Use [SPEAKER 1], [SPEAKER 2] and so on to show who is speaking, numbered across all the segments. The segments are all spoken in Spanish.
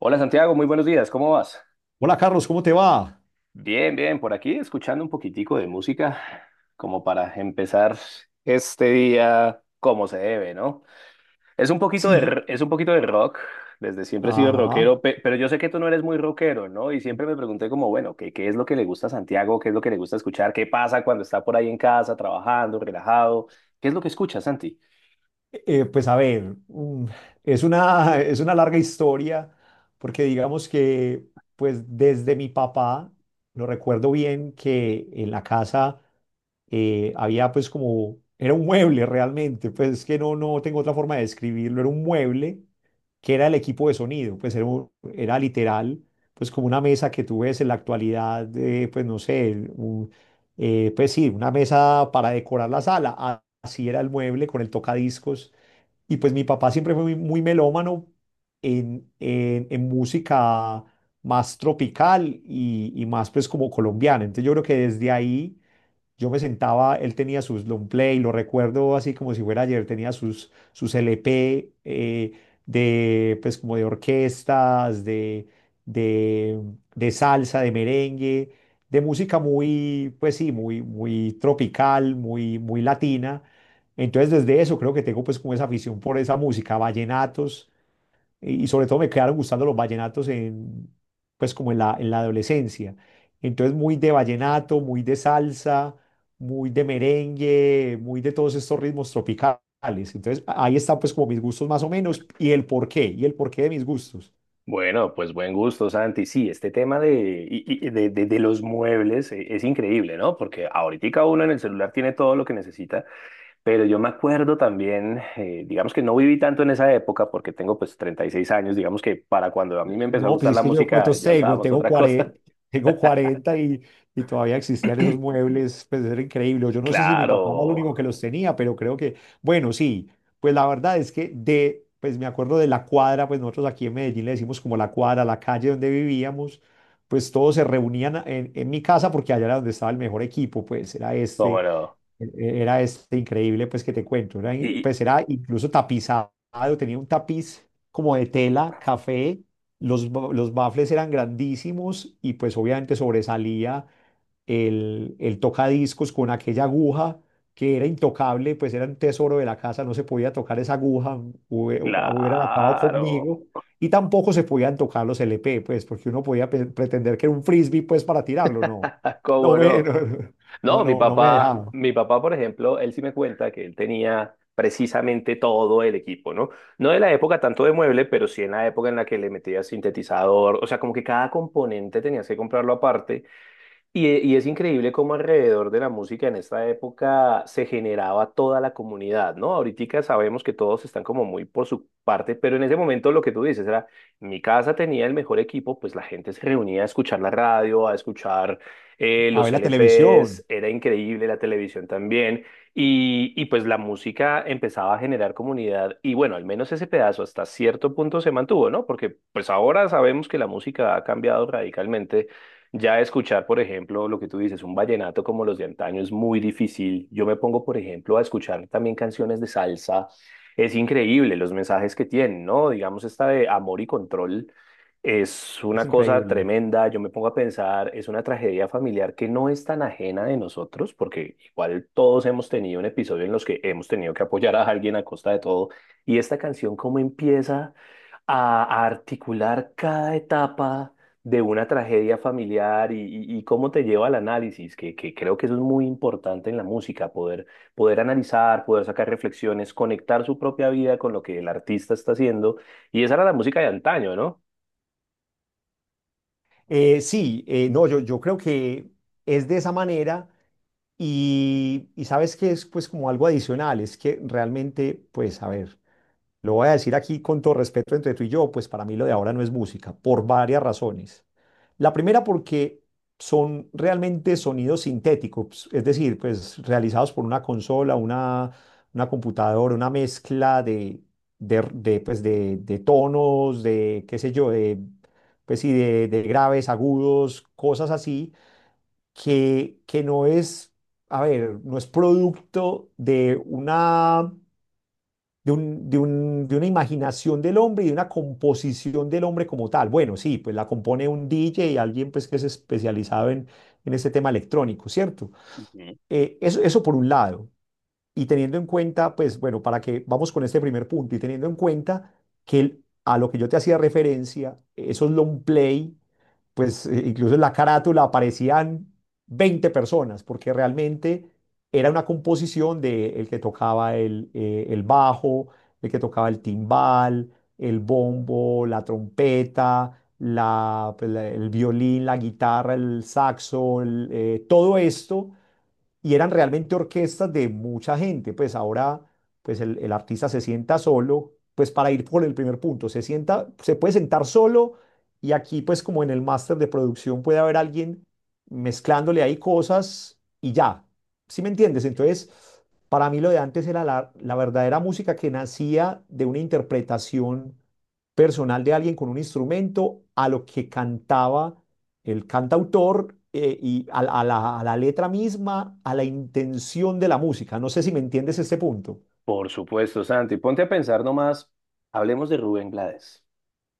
[SPEAKER 1] Hola Santiago, muy buenos días, ¿cómo vas?
[SPEAKER 2] Hola Carlos, ¿cómo te va?
[SPEAKER 1] Bien, bien, por aquí escuchando un poquitico de música como para empezar este día como se debe, ¿no? Es un poquito de,
[SPEAKER 2] Sí.
[SPEAKER 1] es un poquito de rock, desde siempre he sido rockero,
[SPEAKER 2] Ajá.
[SPEAKER 1] pero yo sé que tú no eres muy rockero, ¿no? Y siempre me pregunté como, bueno, ¿qué es lo que le gusta a Santiago? ¿Qué es lo que le gusta escuchar? ¿Qué pasa cuando está por ahí en casa, trabajando, relajado? ¿Qué es lo que escuchas, Santi?
[SPEAKER 2] Eh, eh, pues a ver, mm, es una, es una larga historia porque digamos que pues desde mi papá, lo recuerdo bien que en la casa había pues como, era un mueble realmente, pues es que no tengo otra forma de describirlo, era un mueble que era el equipo de sonido, pues era, era literal, pues como una mesa que tú ves en la actualidad, pues no sé, pues sí, una mesa para decorar la sala, así era el mueble con el tocadiscos, y pues mi papá siempre fue muy, muy melómano en música más tropical y más pues como colombiana, entonces yo creo que desde ahí yo me sentaba, él tenía sus long play, lo recuerdo así como si fuera ayer, tenía sus LP, pues como de orquestas, de, de salsa, de merengue, de música muy, pues sí, muy, muy tropical, muy, muy latina. Entonces desde eso creo que tengo pues como esa afición por esa música, vallenatos, y sobre todo me quedaron gustando los vallenatos pues como en la adolescencia. Entonces muy de vallenato, muy de salsa, muy de merengue, muy de todos estos ritmos tropicales. Entonces ahí están pues como mis gustos más o menos y el porqué de mis gustos.
[SPEAKER 1] Bueno, pues buen gusto, Santi. Sí, este tema de, y- de, de los muebles, es increíble, ¿no? Porque ahorita uno en el celular tiene todo lo que necesita, pero yo me acuerdo también, digamos que no viví tanto en esa época porque tengo pues 36 años, digamos que para cuando a mí me empezó a
[SPEAKER 2] No, pues
[SPEAKER 1] gustar
[SPEAKER 2] es
[SPEAKER 1] la
[SPEAKER 2] que yo
[SPEAKER 1] música
[SPEAKER 2] cuántos
[SPEAKER 1] ya
[SPEAKER 2] tengo,
[SPEAKER 1] usábamos
[SPEAKER 2] tengo
[SPEAKER 1] otra cosa.
[SPEAKER 2] 40, tengo cuarenta, y todavía existían esos muebles, pues era increíble. O yo no sé si mi papá era el
[SPEAKER 1] Claro,
[SPEAKER 2] único que los tenía, pero creo que, bueno, sí, pues la verdad es que pues me acuerdo de la cuadra, pues nosotros aquí en Medellín le decimos como la cuadra, la calle donde vivíamos, pues todos se reunían en mi casa porque allá era donde estaba el mejor equipo, pues era
[SPEAKER 1] cómo no.
[SPEAKER 2] era este increíble, pues que te cuento, era,
[SPEAKER 1] Y y-
[SPEAKER 2] pues era incluso tapizado, tenía un tapiz como de tela, café, los baffles eran grandísimos y pues obviamente sobresalía el tocadiscos con aquella aguja que era intocable, pues era un tesoro de la casa, no se podía tocar esa aguja, hubie- hubieran acabado
[SPEAKER 1] claro,
[SPEAKER 2] conmigo. Y tampoco se podían tocar los LP, pues, porque uno podía pretender que era un frisbee, pues, para tirarlo, no. No
[SPEAKER 1] cómo
[SPEAKER 2] me,
[SPEAKER 1] no.
[SPEAKER 2] no, no,
[SPEAKER 1] No,
[SPEAKER 2] no, no me dejaba.
[SPEAKER 1] mi papá, por ejemplo, él sí me cuenta que él tenía precisamente todo el equipo, ¿no? No de la época tanto de mueble, pero sí en la época en la que le metía sintetizador, o sea, como que cada componente tenías que comprarlo aparte y, y es increíble cómo alrededor de la música en esta época se generaba toda la comunidad, ¿no? Ahorita sabemos que todos están como muy por su parte, pero en ese momento lo que tú dices era, mi casa tenía el mejor equipo, pues la gente se reunía a escuchar la radio, a escuchar
[SPEAKER 2] A
[SPEAKER 1] los
[SPEAKER 2] ver la
[SPEAKER 1] LPs,
[SPEAKER 2] televisión.
[SPEAKER 1] era increíble la televisión también, y pues la música empezaba a generar comunidad, y bueno, al menos ese pedazo hasta cierto punto se mantuvo, ¿no? Porque pues ahora sabemos que la música ha cambiado radicalmente. Ya escuchar, por ejemplo, lo que tú dices, un vallenato como los de antaño es muy difícil. Yo me pongo, por ejemplo, a escuchar también canciones de salsa. Es increíble los mensajes que tienen, ¿no? Digamos, esta de amor y control es
[SPEAKER 2] Es
[SPEAKER 1] una cosa
[SPEAKER 2] increíble.
[SPEAKER 1] tremenda. Yo me pongo a pensar, es una tragedia familiar que no es tan ajena de nosotros, porque igual todos hemos tenido un episodio en los que hemos tenido que apoyar a alguien a costa de todo. Y esta canción, ¿cómo empieza a articular cada etapa de una tragedia familiar? Y cómo te lleva al análisis, que creo que eso es muy importante en la música, poder, poder analizar, poder sacar reflexiones, conectar su propia vida con lo que el artista está haciendo. Y esa era la música de antaño, ¿no?
[SPEAKER 2] Sí, no, yo creo que es de esa manera y sabes que es pues como algo adicional, es que realmente, pues a ver, lo voy a decir aquí con todo respeto entre tú y yo, pues para mí lo de ahora no es música, por varias razones. La primera porque son realmente sonidos sintéticos, es decir, pues realizados por una consola, una computadora, una mezcla pues, de tonos, de qué sé yo, de, pues, sí, de graves, agudos, cosas así, que no es, a ver, no es producto de una de una imaginación del hombre y de una composición del hombre como tal. Bueno, sí, pues la compone un DJ y alguien pues que es especializado en este tema electrónico, ¿cierto?
[SPEAKER 1] Ujú.
[SPEAKER 2] Eso por un lado. Y teniendo en cuenta, pues bueno, para que vamos con este primer punto y teniendo en cuenta que a lo que yo te hacía referencia, esos long play, pues incluso en la carátula aparecían 20 personas, porque realmente era una composición de el que tocaba el bajo, el que tocaba el timbal, el bombo, la trompeta, la, pues, el violín, la guitarra, el saxo, todo esto, y eran realmente orquestas de mucha gente. Pues ahora, pues el artista se sienta solo, pues para ir por el primer punto, se sienta, se puede sentar solo y aquí pues como en el máster de producción puede haber alguien mezclándole ahí cosas y ya. ¿Sí me entiendes? Entonces, para mí lo de antes era la verdadera música que nacía de una interpretación personal de alguien con un instrumento a lo que cantaba el cantautor, y a la letra misma, a la intención de la música. No sé si me entiendes este punto.
[SPEAKER 1] Por supuesto, Santi. Ponte a pensar nomás, hablemos de Rubén Blades,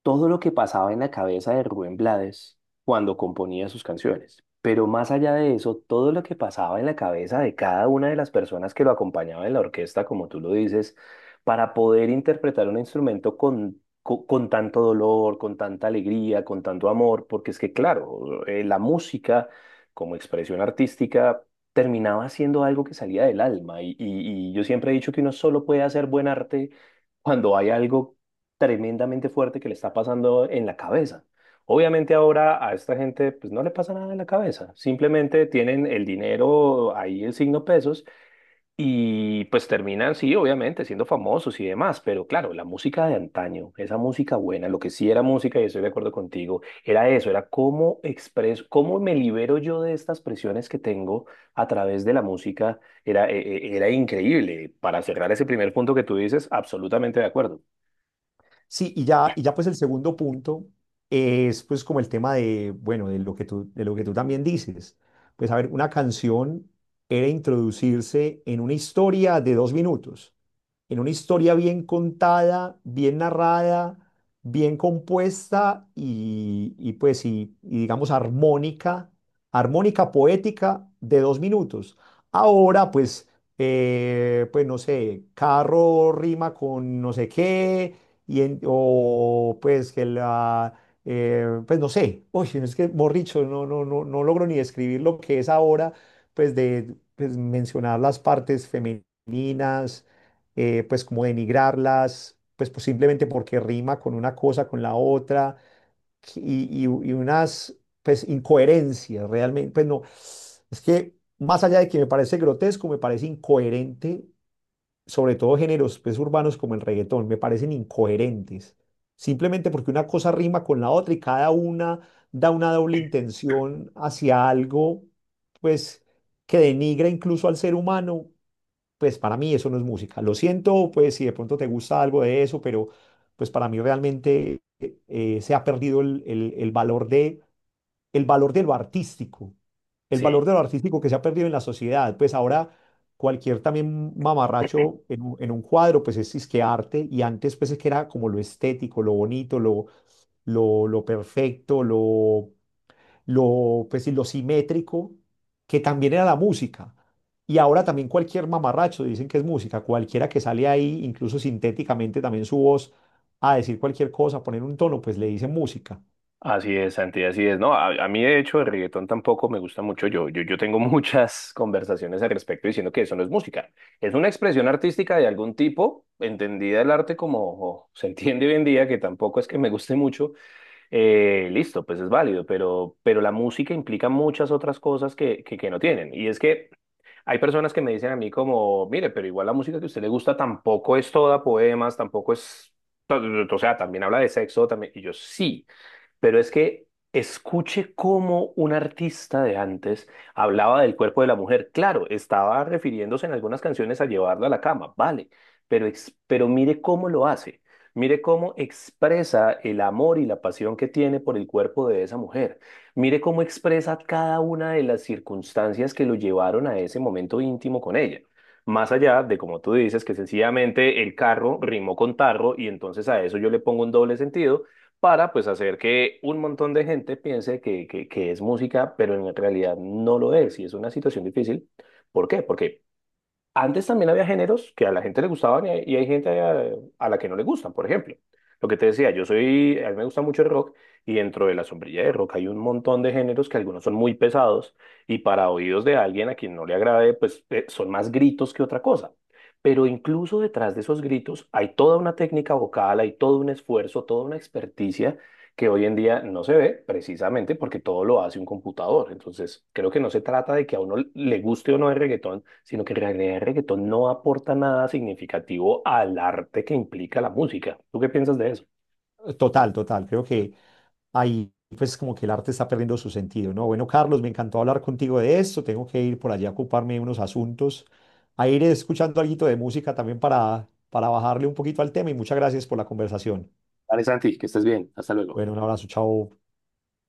[SPEAKER 1] todo lo que pasaba en la cabeza de Rubén Blades cuando componía sus canciones. Pero más allá de eso, todo lo que pasaba en la cabeza de cada una de las personas que lo acompañaba en la orquesta, como tú lo dices, para poder interpretar un instrumento con, con tanto dolor, con tanta alegría, con tanto amor, porque es que, claro, la música como expresión artística terminaba siendo algo que salía del alma. Y yo siempre he dicho que uno solo puede hacer buen arte cuando hay algo tremendamente fuerte que le está pasando en la cabeza. Obviamente ahora a esta gente pues no le pasa nada en la cabeza, simplemente tienen el dinero ahí, el signo pesos, y pues terminan, sí, obviamente siendo famosos y demás, pero claro, la música de antaño, esa música buena, lo que sí era música y estoy de acuerdo contigo, era eso, era cómo expreso, cómo me libero yo de estas presiones que tengo a través de la música, era, era increíble. Para cerrar ese primer punto que tú dices, absolutamente de acuerdo.
[SPEAKER 2] Sí, y ya pues el segundo punto es pues como el tema de, bueno, de lo que tú, de lo que tú también dices. Pues a ver, una canción era introducirse en una historia de 2 minutos, en una historia bien contada, bien narrada, bien compuesta y pues y digamos armónica, armónica poética de 2 minutos. Ahora pues, pues no sé, carro rima con no sé qué y o pues que pues no sé, uy, es que borricho, no, no, no, no logro ni describir lo que es ahora, pues de pues, mencionar las partes femeninas, pues como denigrarlas, pues, pues simplemente porque rima con una cosa, con la otra, y, y unas pues incoherencias realmente, pues no, es que más allá de que me parece grotesco, me parece incoherente sobre todo géneros pues, urbanos como el reggaetón, me parecen incoherentes. Simplemente porque una cosa rima con la otra y cada una da una doble intención hacia algo, pues, que denigra incluso al ser humano, pues para mí eso no es música. Lo siento, pues, si de pronto te gusta algo de eso, pero pues para mí realmente se ha perdido el valor de lo artístico, el valor
[SPEAKER 1] Sí.
[SPEAKER 2] de lo artístico que se ha perdido en la sociedad. Pues ahora cualquier también mamarracho un en un cuadro, pues es que arte, y antes pues es que era como lo estético, lo bonito, lo perfecto, pues, sí, lo simétrico, que también era la música. Y ahora también cualquier mamarracho dicen que es música, cualquiera que sale ahí, incluso sintéticamente también su voz, a decir cualquier cosa, poner un tono, pues le dicen música.
[SPEAKER 1] Así es, Santi, así es. No, a mí de hecho el reggaetón tampoco me gusta mucho. Yo tengo muchas conversaciones al respecto diciendo que eso no es música. Es una expresión artística de algún tipo, entendida el arte como o se entiende hoy en día, que tampoco es que me guste mucho. Listo, pues es válido, pero la música implica muchas otras cosas que no tienen. Y es que hay personas que me dicen a mí como, mire, pero igual la música que a usted le gusta tampoco es toda poemas, tampoco es... O sea, también habla de sexo, también. Y yo sí. Pero es que escuche cómo un artista de antes hablaba del cuerpo de la mujer. Claro, estaba refiriéndose en algunas canciones a llevarla a la cama, vale, pero, pero mire cómo lo hace. Mire cómo expresa el amor y la pasión que tiene por el cuerpo de esa mujer. Mire cómo expresa cada una de las circunstancias que lo llevaron a ese momento íntimo con ella. Más allá de, como tú dices, que sencillamente el carro rimó con tarro y entonces a eso yo le pongo un doble sentido para pues hacer que un montón de gente piense que es música, pero en realidad no lo es y es una situación difícil. ¿Por qué? Porque antes también había géneros que a la gente le gustaban y hay gente a la que no le gustan, por ejemplo. Lo que te decía, a mí me gusta mucho el rock y dentro de la sombrilla de rock hay un montón de géneros que algunos son muy pesados y para oídos de alguien a quien no le agrade, pues son más gritos que otra cosa. Pero incluso detrás de esos gritos hay toda una técnica vocal, hay todo un esfuerzo, toda una experticia que hoy en día no se ve precisamente porque todo lo hace un computador. Entonces, creo que no se trata de que a uno le guste o no el reggaetón, sino que en realidad el reggaetón no aporta nada significativo al arte que implica la música. ¿Tú qué piensas de eso?
[SPEAKER 2] Total, total. Creo que ahí pues como que el arte está perdiendo su sentido, ¿no? Bueno, Carlos, me encantó hablar contigo de esto, tengo que ir por allá a ocuparme de unos asuntos, a ir escuchando algo de música también para bajarle un poquito al tema y muchas gracias por la conversación.
[SPEAKER 1] Vale, Santi, que estés bien. Hasta luego.
[SPEAKER 2] Bueno, un abrazo, chao.